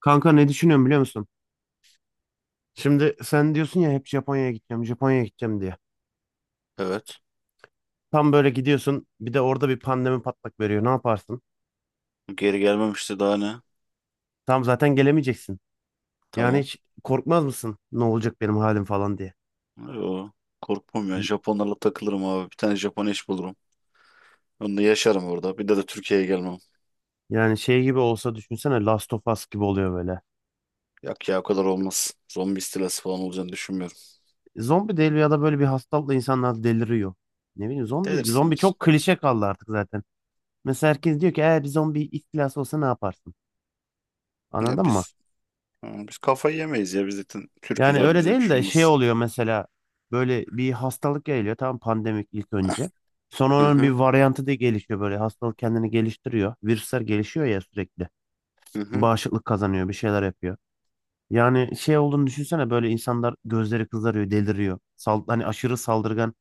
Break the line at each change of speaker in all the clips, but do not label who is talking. Kanka ne düşünüyorum biliyor musun? Şimdi sen diyorsun ya hep Japonya'ya gideceğim, Japonya'ya gideceğim diye.
Evet.
Tam böyle gidiyorsun, bir de orada bir pandemi patlak veriyor. Ne yaparsın?
Geri gelmemişti daha ne?
Tam zaten gelemeyeceksin. Yani
Tamam.
hiç korkmaz mısın? Ne olacak benim halim falan diye.
Yo, korkmam ya. Japonlarla takılırım abi. Bir tane Japon eş bulurum. Onunla yaşarım orada. Bir de Türkiye'ye gelmem.
Yani şey gibi olsa düşünsene Last of Us gibi oluyor böyle.
Yok ya o kadar olmaz. Zombi istilası falan olacağını düşünmüyorum.
Zombi değil ya da böyle bir hastalıkla insanlar deliriyor. Ne bileyim zombi zombi
Delirsiniz.
çok klişe kaldı artık zaten. Mesela herkes diyor ki eğer bir zombi istilası olsa ne yaparsın?
Ya
Anladın mı?
biz ha, biz kafayı yemeyiz ya. Biz zaten Türk'üz
Yani
abi.
öyle
Bize bir
değil
şey
de şey
olmaz.
oluyor mesela böyle bir hastalık geliyor tam pandemik ilk önce. Sonra
Hı
onun bir
hı.
varyantı da gelişiyor böyle hastalık kendini geliştiriyor. Virüsler gelişiyor ya sürekli.
Hı hı.
Bağışıklık kazanıyor bir şeyler yapıyor. Yani şey olduğunu düşünsene böyle insanlar gözleri kızarıyor deliriyor. Sal hani aşırı saldırgan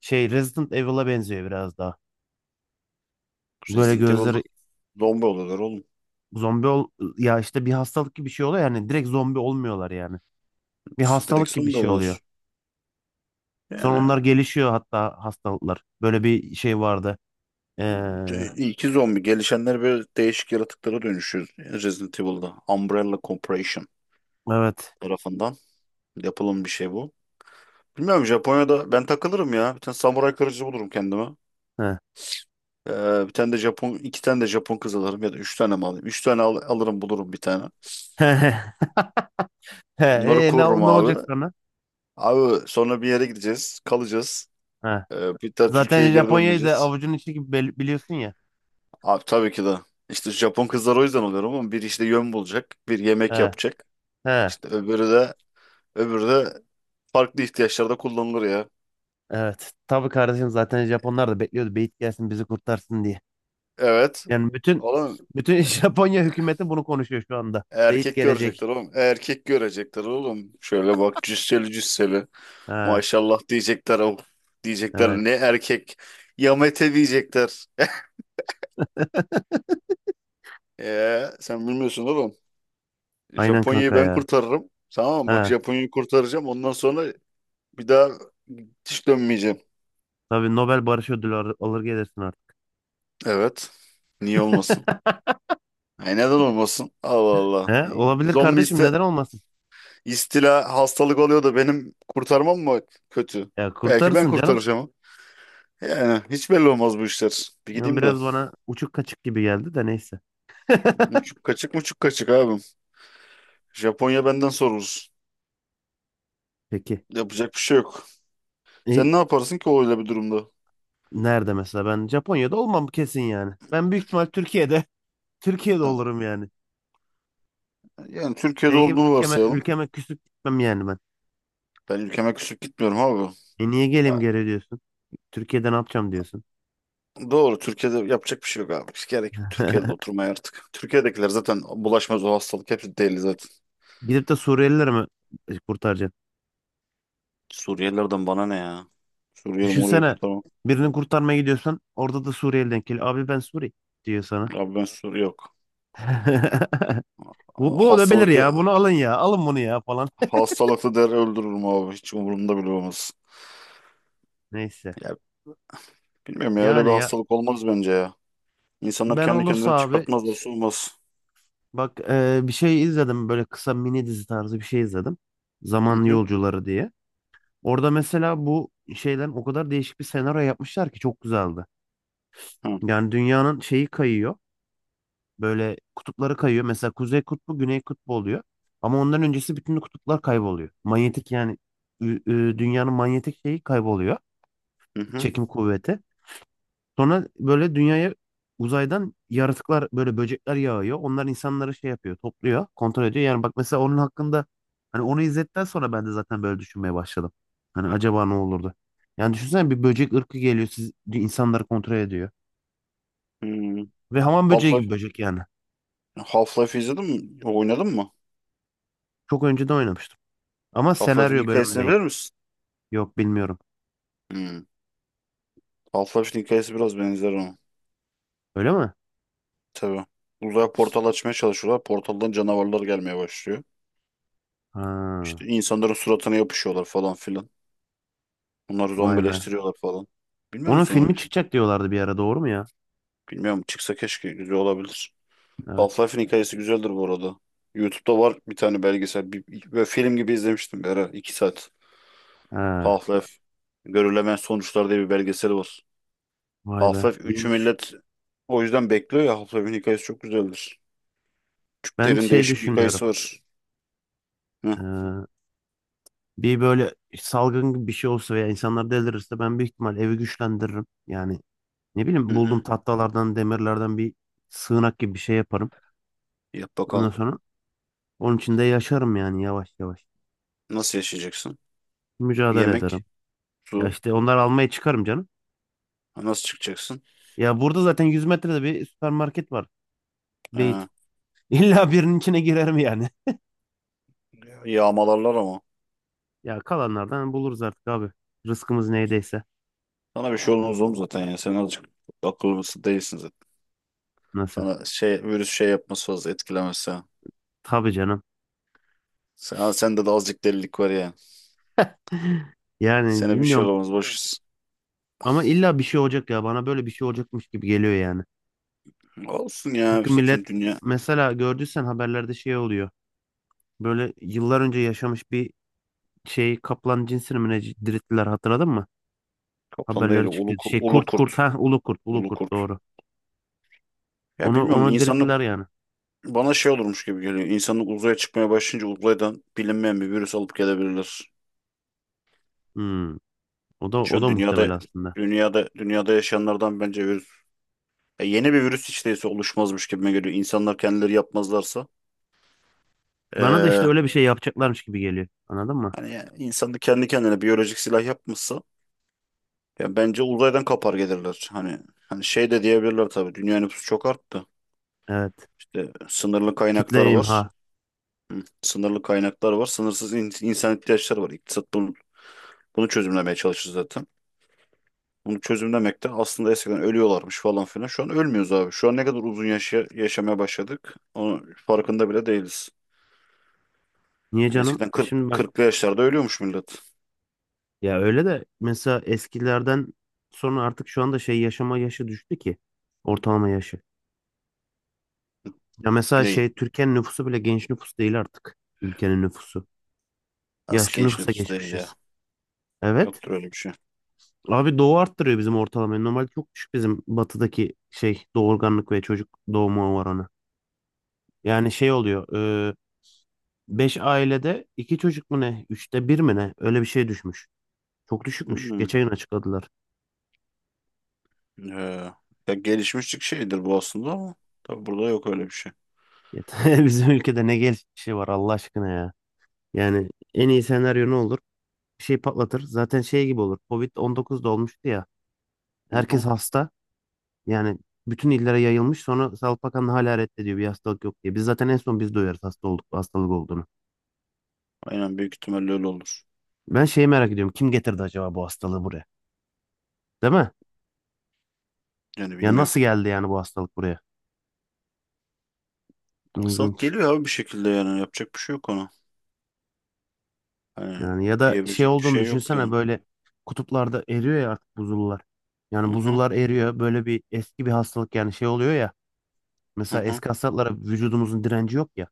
şey Resident Evil'a benziyor biraz daha. Böyle
Resident Evil'da
gözleri
zombi oluyorlar oğlum.
zombi ol ya işte bir hastalık gibi bir şey oluyor yani direkt zombi olmuyorlar yani. Bir
Direkt
hastalık gibi bir
zombi
şey oluyor.
oluyorlar.
Sonra
Yani
onlar gelişiyor hatta hastalıklar. Böyle bir şey vardı. Ee,
iyi ki zombi. Gelişenler böyle değişik yaratıklara dönüşüyor. Resident Evil'da. Umbrella Corporation
evet.
tarafından. Yapılım bir şey bu. Bilmiyorum Japonya'da ben takılırım ya. Bir tane samuray kılıcı bulurum kendime.
He.
Bir tane de Japon, iki tane de Japon kız alırım ya da üç tane mi alayım? Üç tane alırım bulurum bir tane.
He,
Onları korurum
ne olacak
abi.
sana?
Abi sonra bir yere gideceğiz, kalacağız.
He.
Bir daha
Zaten
Türkiye'ye geri
Japonya'yı da
dönmeyeceğiz.
avucunun içi gibi biliyorsun ya.
Abi tabii ki de. İşte Japon kızlar o yüzden oluyor ama bir işte yön bulacak, bir yemek
He.
yapacak.
He.
İşte öbürü de farklı ihtiyaçlarda kullanılır ya.
Evet. Tabii kardeşim zaten Japonlar da bekliyordu. Beyit gelsin bizi kurtarsın diye.
Evet.
Yani bütün
Oğlum.
bütün Japonya hükümeti bunu konuşuyor şu anda. Beyit
Erkek
gelecek.
görecekler oğlum. Erkek görecekler oğlum. Şöyle bak cüsseli cüsseli.
He.
Maşallah diyecekler oğlum. Diyecekler ne
Evet.
erkek. Yamete diyecekler. Sen bilmiyorsun oğlum.
Aynen
Japonya'yı
kanka
ben
ya.
kurtarırım. Tamam mı? Bak
He.
Japonya'yı kurtaracağım. Ondan sonra bir daha hiç dönmeyeceğim.
Tabii Nobel Barış Ödülü alır gelirsin artık.
Evet. Niye olmasın? Ay neden olmasın? Allah Allah.
He, olabilir
Zombi
kardeşim neden olmasın?
istila hastalık oluyor da benim kurtarmam mı kötü?
Ya
Belki ben
kurtarırsın canım.
kurtaracağım. Yani hiç belli olmaz bu işler. Bir
Yani
gideyim de.
biraz bana uçuk kaçık gibi geldi de neyse.
Muçuk kaçık muçuk kaçık abim. Japonya benden sorulur.
Peki.
Yapacak bir şey yok.
E,
Sen ne yaparsın ki öyle bir durumda?
Nerede mesela? Ben Japonya'da olmam kesin yani. Ben büyük ihtimal Türkiye'de. Türkiye'de
Tamam.
olurum yani.
Yani Türkiye'de
Senin gibi
olduğunu
ülkeme,
varsayalım.
ülkeme küsüp gitmem yani ben.
Ben ülkeme küsüp gitmiyorum abi.
E niye
Ya,
geleyim geri diyorsun? Türkiye'de ne yapacağım diyorsun.
doğru Türkiye'de yapacak bir şey yok abi. Hiç gerek yok Türkiye'de oturmaya artık. Türkiye'dekiler zaten bulaşmaz o hastalık. Hepsi deli zaten.
Gidip de Suriyelileri mi kurtaracaksın?
Suriyelilerden bana ne ya? Suriyeli Muriyeli
Düşünsene
kurtarmam.
birini kurtarmaya gidiyorsan orada da Suriyeli denk geliyor. Abi ben Suri diyor sana.
Abi ben Suriye yok.
Bu olabilir
Hastalıklı,
ya. Bunu alın ya. Alın bunu ya falan.
hastalıklı der öldürürüm abi. Hiç umurumda bile olmaz.
Neyse.
Ya, bilmiyorum ya öyle bir
Yani ya
hastalık olmaz bence ya. İnsanlar
ben
kendi
olursa
kendine
abi
çıkartmazlar soğumaz.
bak bir şey izledim böyle kısa mini dizi tarzı bir şey izledim.
Hı
Zaman
hı.
Yolcuları diye. Orada mesela bu şeyden o kadar değişik bir senaryo yapmışlar ki çok güzeldi.
Hı
Yani dünyanın şeyi kayıyor. Böyle kutupları kayıyor. Mesela Kuzey Kutbu, Güney Kutbu oluyor. Ama ondan öncesi bütün kutuplar kayboluyor. Manyetik yani dünyanın manyetik şeyi kayboluyor.
hı. Hı.
Çekim kuvveti. Sonra böyle dünyaya uzaydan yaratıklar böyle böcekler yağıyor. Onlar insanları şey yapıyor, topluyor, kontrol ediyor. Yani bak mesela onun hakkında hani onu izledikten sonra ben de zaten böyle düşünmeye başladım. Hani acaba ne olurdu? Yani düşünsene bir böcek ırkı geliyor, siz insanları kontrol ediyor.
Hı.
Ve hamam böceği gibi
Half-Life
böcek yani.
Half-Life izledin mi? Oynadın mı?
Çok önceden oynamıştım. Ama
Half-Life'in
senaryo bölümü
hikayesini
değil.
bilir misin?
Yok bilmiyorum.
Hı. Half-Life'in hikayesi biraz benzer ona.
Öyle mi?
Tabii. Uzaya portal açmaya çalışıyorlar. Portaldan canavarlar gelmeye başlıyor.
Ha,
İşte insanların suratına yapışıyorlar falan filan. Onları
vay be.
zombileştiriyorlar falan. Bilmiyor
Onun
musun onu?
filmi çıkacak diyorlardı bir ara doğru mu ya?
Bilmiyorum. Çıksa keşke güzel olabilir.
Evet.
Half-Life'in hikayesi güzeldir bu arada. YouTube'da var bir tane belgesel. Bir, böyle film gibi izlemiştim bir ara. 2 saat.
Ha,
Half-Life. Görülemeyen Sonuçlar diye bir belgeseli var.
vay be.
Half-Life 3'ü
İyiymiş.
millet o yüzden bekliyor ya. Half-Life'in hikayesi çok güzeldir.
Ben
Türklerin
şey
değişik bir
düşünüyorum.
hikayesi var. Hı,
Ee, Bir böyle salgın gibi bir şey olsa veya insanlar delirirse ben büyük ihtimal evi güçlendiririm. Yani ne
hı
bileyim buldum
hı.
tahtalardan, demirlerden bir sığınak gibi bir şey yaparım.
Yap
Ondan
bakalım.
sonra onun içinde yaşarım yani yavaş yavaş.
Nasıl yaşayacaksın?
Mücadele
Yemek,
ederim. Ya
su.
işte onları almaya çıkarım canım.
Ha, nasıl çıkacaksın?
Ya burada zaten 100 metrede bir süpermarket var. Beyt.
Ha,
İlla birinin içine girerim yani.
yağmalarlar ama.
Ya kalanlardan buluruz artık abi. Rızkımız neydeyse.
Sana bir şey olmaz oğlum zaten ya. Sen azıcık akıllısı değilsin zaten.
Nasıl?
Sana şey virüs şey yapması fazla etkilemez.
Tabii canım.
Sende de azıcık delilik var ya.
Yani
Sene bir şey
bilmiyorum.
olamaz. Hı. Boş
Ama illa bir şey olacak ya. Bana böyle bir şey olacakmış gibi geliyor yani.
ver. Olsun ya
Çünkü millet
zaten dünya
mesela gördüysen haberlerde şey oluyor. Böyle yıllar önce yaşamış bir şey kaplan cinsini mi ne dirilttiler hatırladın mı?
kaplan değil
Haberlere çıktı.
ulu,
Şey
ulu
kurt
kurt.
kurt ha ulu kurt ulu
Ulu
kurt
kurt.
doğru.
Ya
Onu
bilmiyorum
onu
insanlık
dirilttiler yani.
bana şey olurmuş gibi geliyor. İnsanlık uzaya çıkmaya başlayınca uzaydan bilinmeyen bir virüs alıp gelebilirler.
Hmm. O da
Şu
o
an
da muhtemel
dünyada
aslında.
dünyada dünyada yaşayanlardan bence virüs ya yeni bir virüs hiç değilse oluşmazmış gibime geliyor. İnsanlar kendileri yapmazlarsa.
Bana da
Ee,
işte öyle bir şey yapacaklarmış gibi geliyor. Anladın mı?
hani ya, insan da kendi kendine biyolojik silah yapmışsa. Ya bence uzaydan kapar gelirler. Hani şey de diyebilirler tabii. Dünya nüfusu çok arttı.
Evet.
İşte sınırlı
Kitle
kaynaklar
imha.
var. Sınırlı kaynaklar var. Sınırsız insan ihtiyaçları var. İktisat bunu çözümlemeye çalışır zaten. Bunu çözümlemek de aslında eskiden ölüyorlarmış falan filan. Şu an ölmüyoruz abi. Şu an ne kadar uzun yaşamaya başladık. Onun farkında bile değiliz.
Niye
Yani
canım?
eskiden 40
Şimdi ben
40'lı yaşlarda ölüyormuş millet.
ya öyle de mesela eskilerden sonra artık şu anda şey yaşama yaşı düştü ki ortalama yaşı. Ya mesela
Neyin?
şey Türkiye'nin nüfusu bile genç nüfus değil artık. Ülkenin nüfusu.
Az
Yaşlı
genç
nüfusa
nüfus değil
geçmişiz.
ya.
Evet.
Yoktur öyle bir şey.
Abi doğu arttırıyor bizim ortalamayı. Normalde çok düşük bizim batıdaki şey doğurganlık ve çocuk doğumu oranı. Yani şey oluyor. 5 ailede 2 çocuk mu ne? 1/3 mi ne? Öyle bir şey düşmüş. Çok düşükmüş.
Hmm.
Geçen gün açıkladılar.
Ee, ya gelişmişlik şeydir bu aslında ama tabii burada yok öyle bir şey.
Yeter. Bizim ülkede ne gelişi var Allah aşkına ya. Yani en iyi senaryo ne olur? Bir şey patlatır. Zaten şey gibi olur. COVID-19'da olmuştu ya.
Aha,
Herkes hasta. Yani bütün illere yayılmış sonra Sağlık Bakanlığı hala reddediyor bir hastalık yok diye. Biz zaten en son biz duyarız hasta olduk, hastalık olduğunu.
aynen büyük ihtimalle öyle olur.
Ben şeyi merak ediyorum. Kim getirdi acaba bu hastalığı buraya? Değil mi?
Yani
Ya
bilmiyorum.
nasıl geldi yani bu hastalık buraya?
Aksat
İlginç.
geliyor abi bir şekilde yani yapacak bir şey yok ona. Hani
Yani ya da şey
diyebilecek bir
olduğunu
şey yok
düşünsene
yani.
böyle kutuplarda eriyor ya artık buzullar. Yani
Hı hı
buzullar eriyor. Böyle bir eski bir hastalık yani şey oluyor ya.
hı.
Mesela
Hı.
eski hastalıklara vücudumuzun direnci yok ya.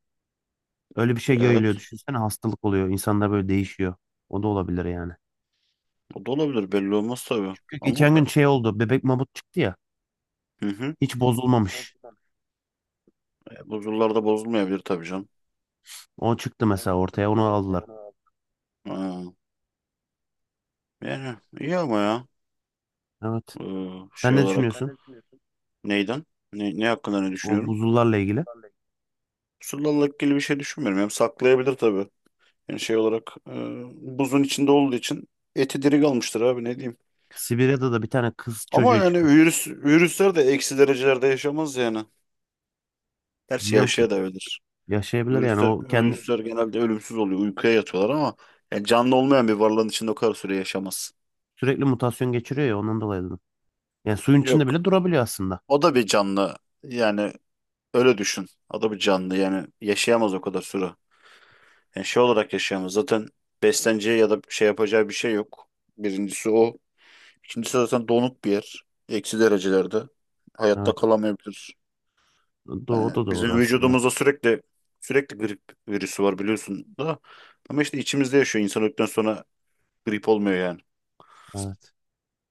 Öyle bir şey yayılıyor.
Evet.
Düşünsene hastalık oluyor. İnsanlar böyle değişiyor. O da olabilir yani.
O da olabilir belli olmaz tabii.
Çünkü
Ama
geçen gün
ben.
şey oldu. Bebek mamut çıktı ya.
Hı hı.
Hiç bozulmamış.
E, bu yıllarda bozulmayabilir tabii canım.
O çıktı mesela ortaya onu aldılar.
Ha, yani iyi ama ya.
Evet.
Ee,
Sen
şey
ne
olarak
düşünüyorsun?
neyden? Ne hakkında ne
O
düşünüyorum?
buzullarla ilgili.
Pusulla ilgili bir şey düşünmüyorum. Hem saklayabilir tabii. Yani şey olarak buzun içinde olduğu için eti diri kalmıştır abi ne diyeyim.
Sibirya'da da bir tane kız
Ama
çocuğu
yani
çıktı.
virüsler de eksi derecelerde yaşamaz yani. Gerçi
Bilmiyorum ki.
yaşaya da öyledir.
Yaşayabilir yani.
Virüsler,
O kendi
virüsler genelde ölümsüz oluyor. Uykuya yatıyorlar ama yani canlı olmayan bir varlığın içinde o kadar süre yaşamaz.
sürekli mutasyon geçiriyor ya ondan dolayı dedim. Yani suyun içinde
Yok.
bile durabiliyor aslında.
O da bir canlı. Yani öyle düşün. O da bir canlı. Yani yaşayamaz o kadar süre. Yani şey olarak yaşayamaz. Zaten besleneceği ya da şey yapacağı bir şey yok. Birincisi o. İkincisi zaten donuk bir yer. Eksi derecelerde. Hayatta
Evet.
kalamayabilir.
O
Yani
da doğru
bizim
aslında.
vücudumuzda sürekli sürekli grip virüsü var biliyorsun da. Ama işte içimizde yaşıyor. İnsan öldükten sonra grip olmuyor yani.
Evet.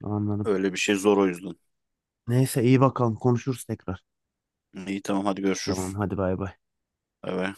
Anladım.
Öyle bir şey zor o yüzden.
Neyse iyi bakalım konuşuruz tekrar.
İyi tamam hadi görüşürüz.
Tamam hadi bay bay.
Evet.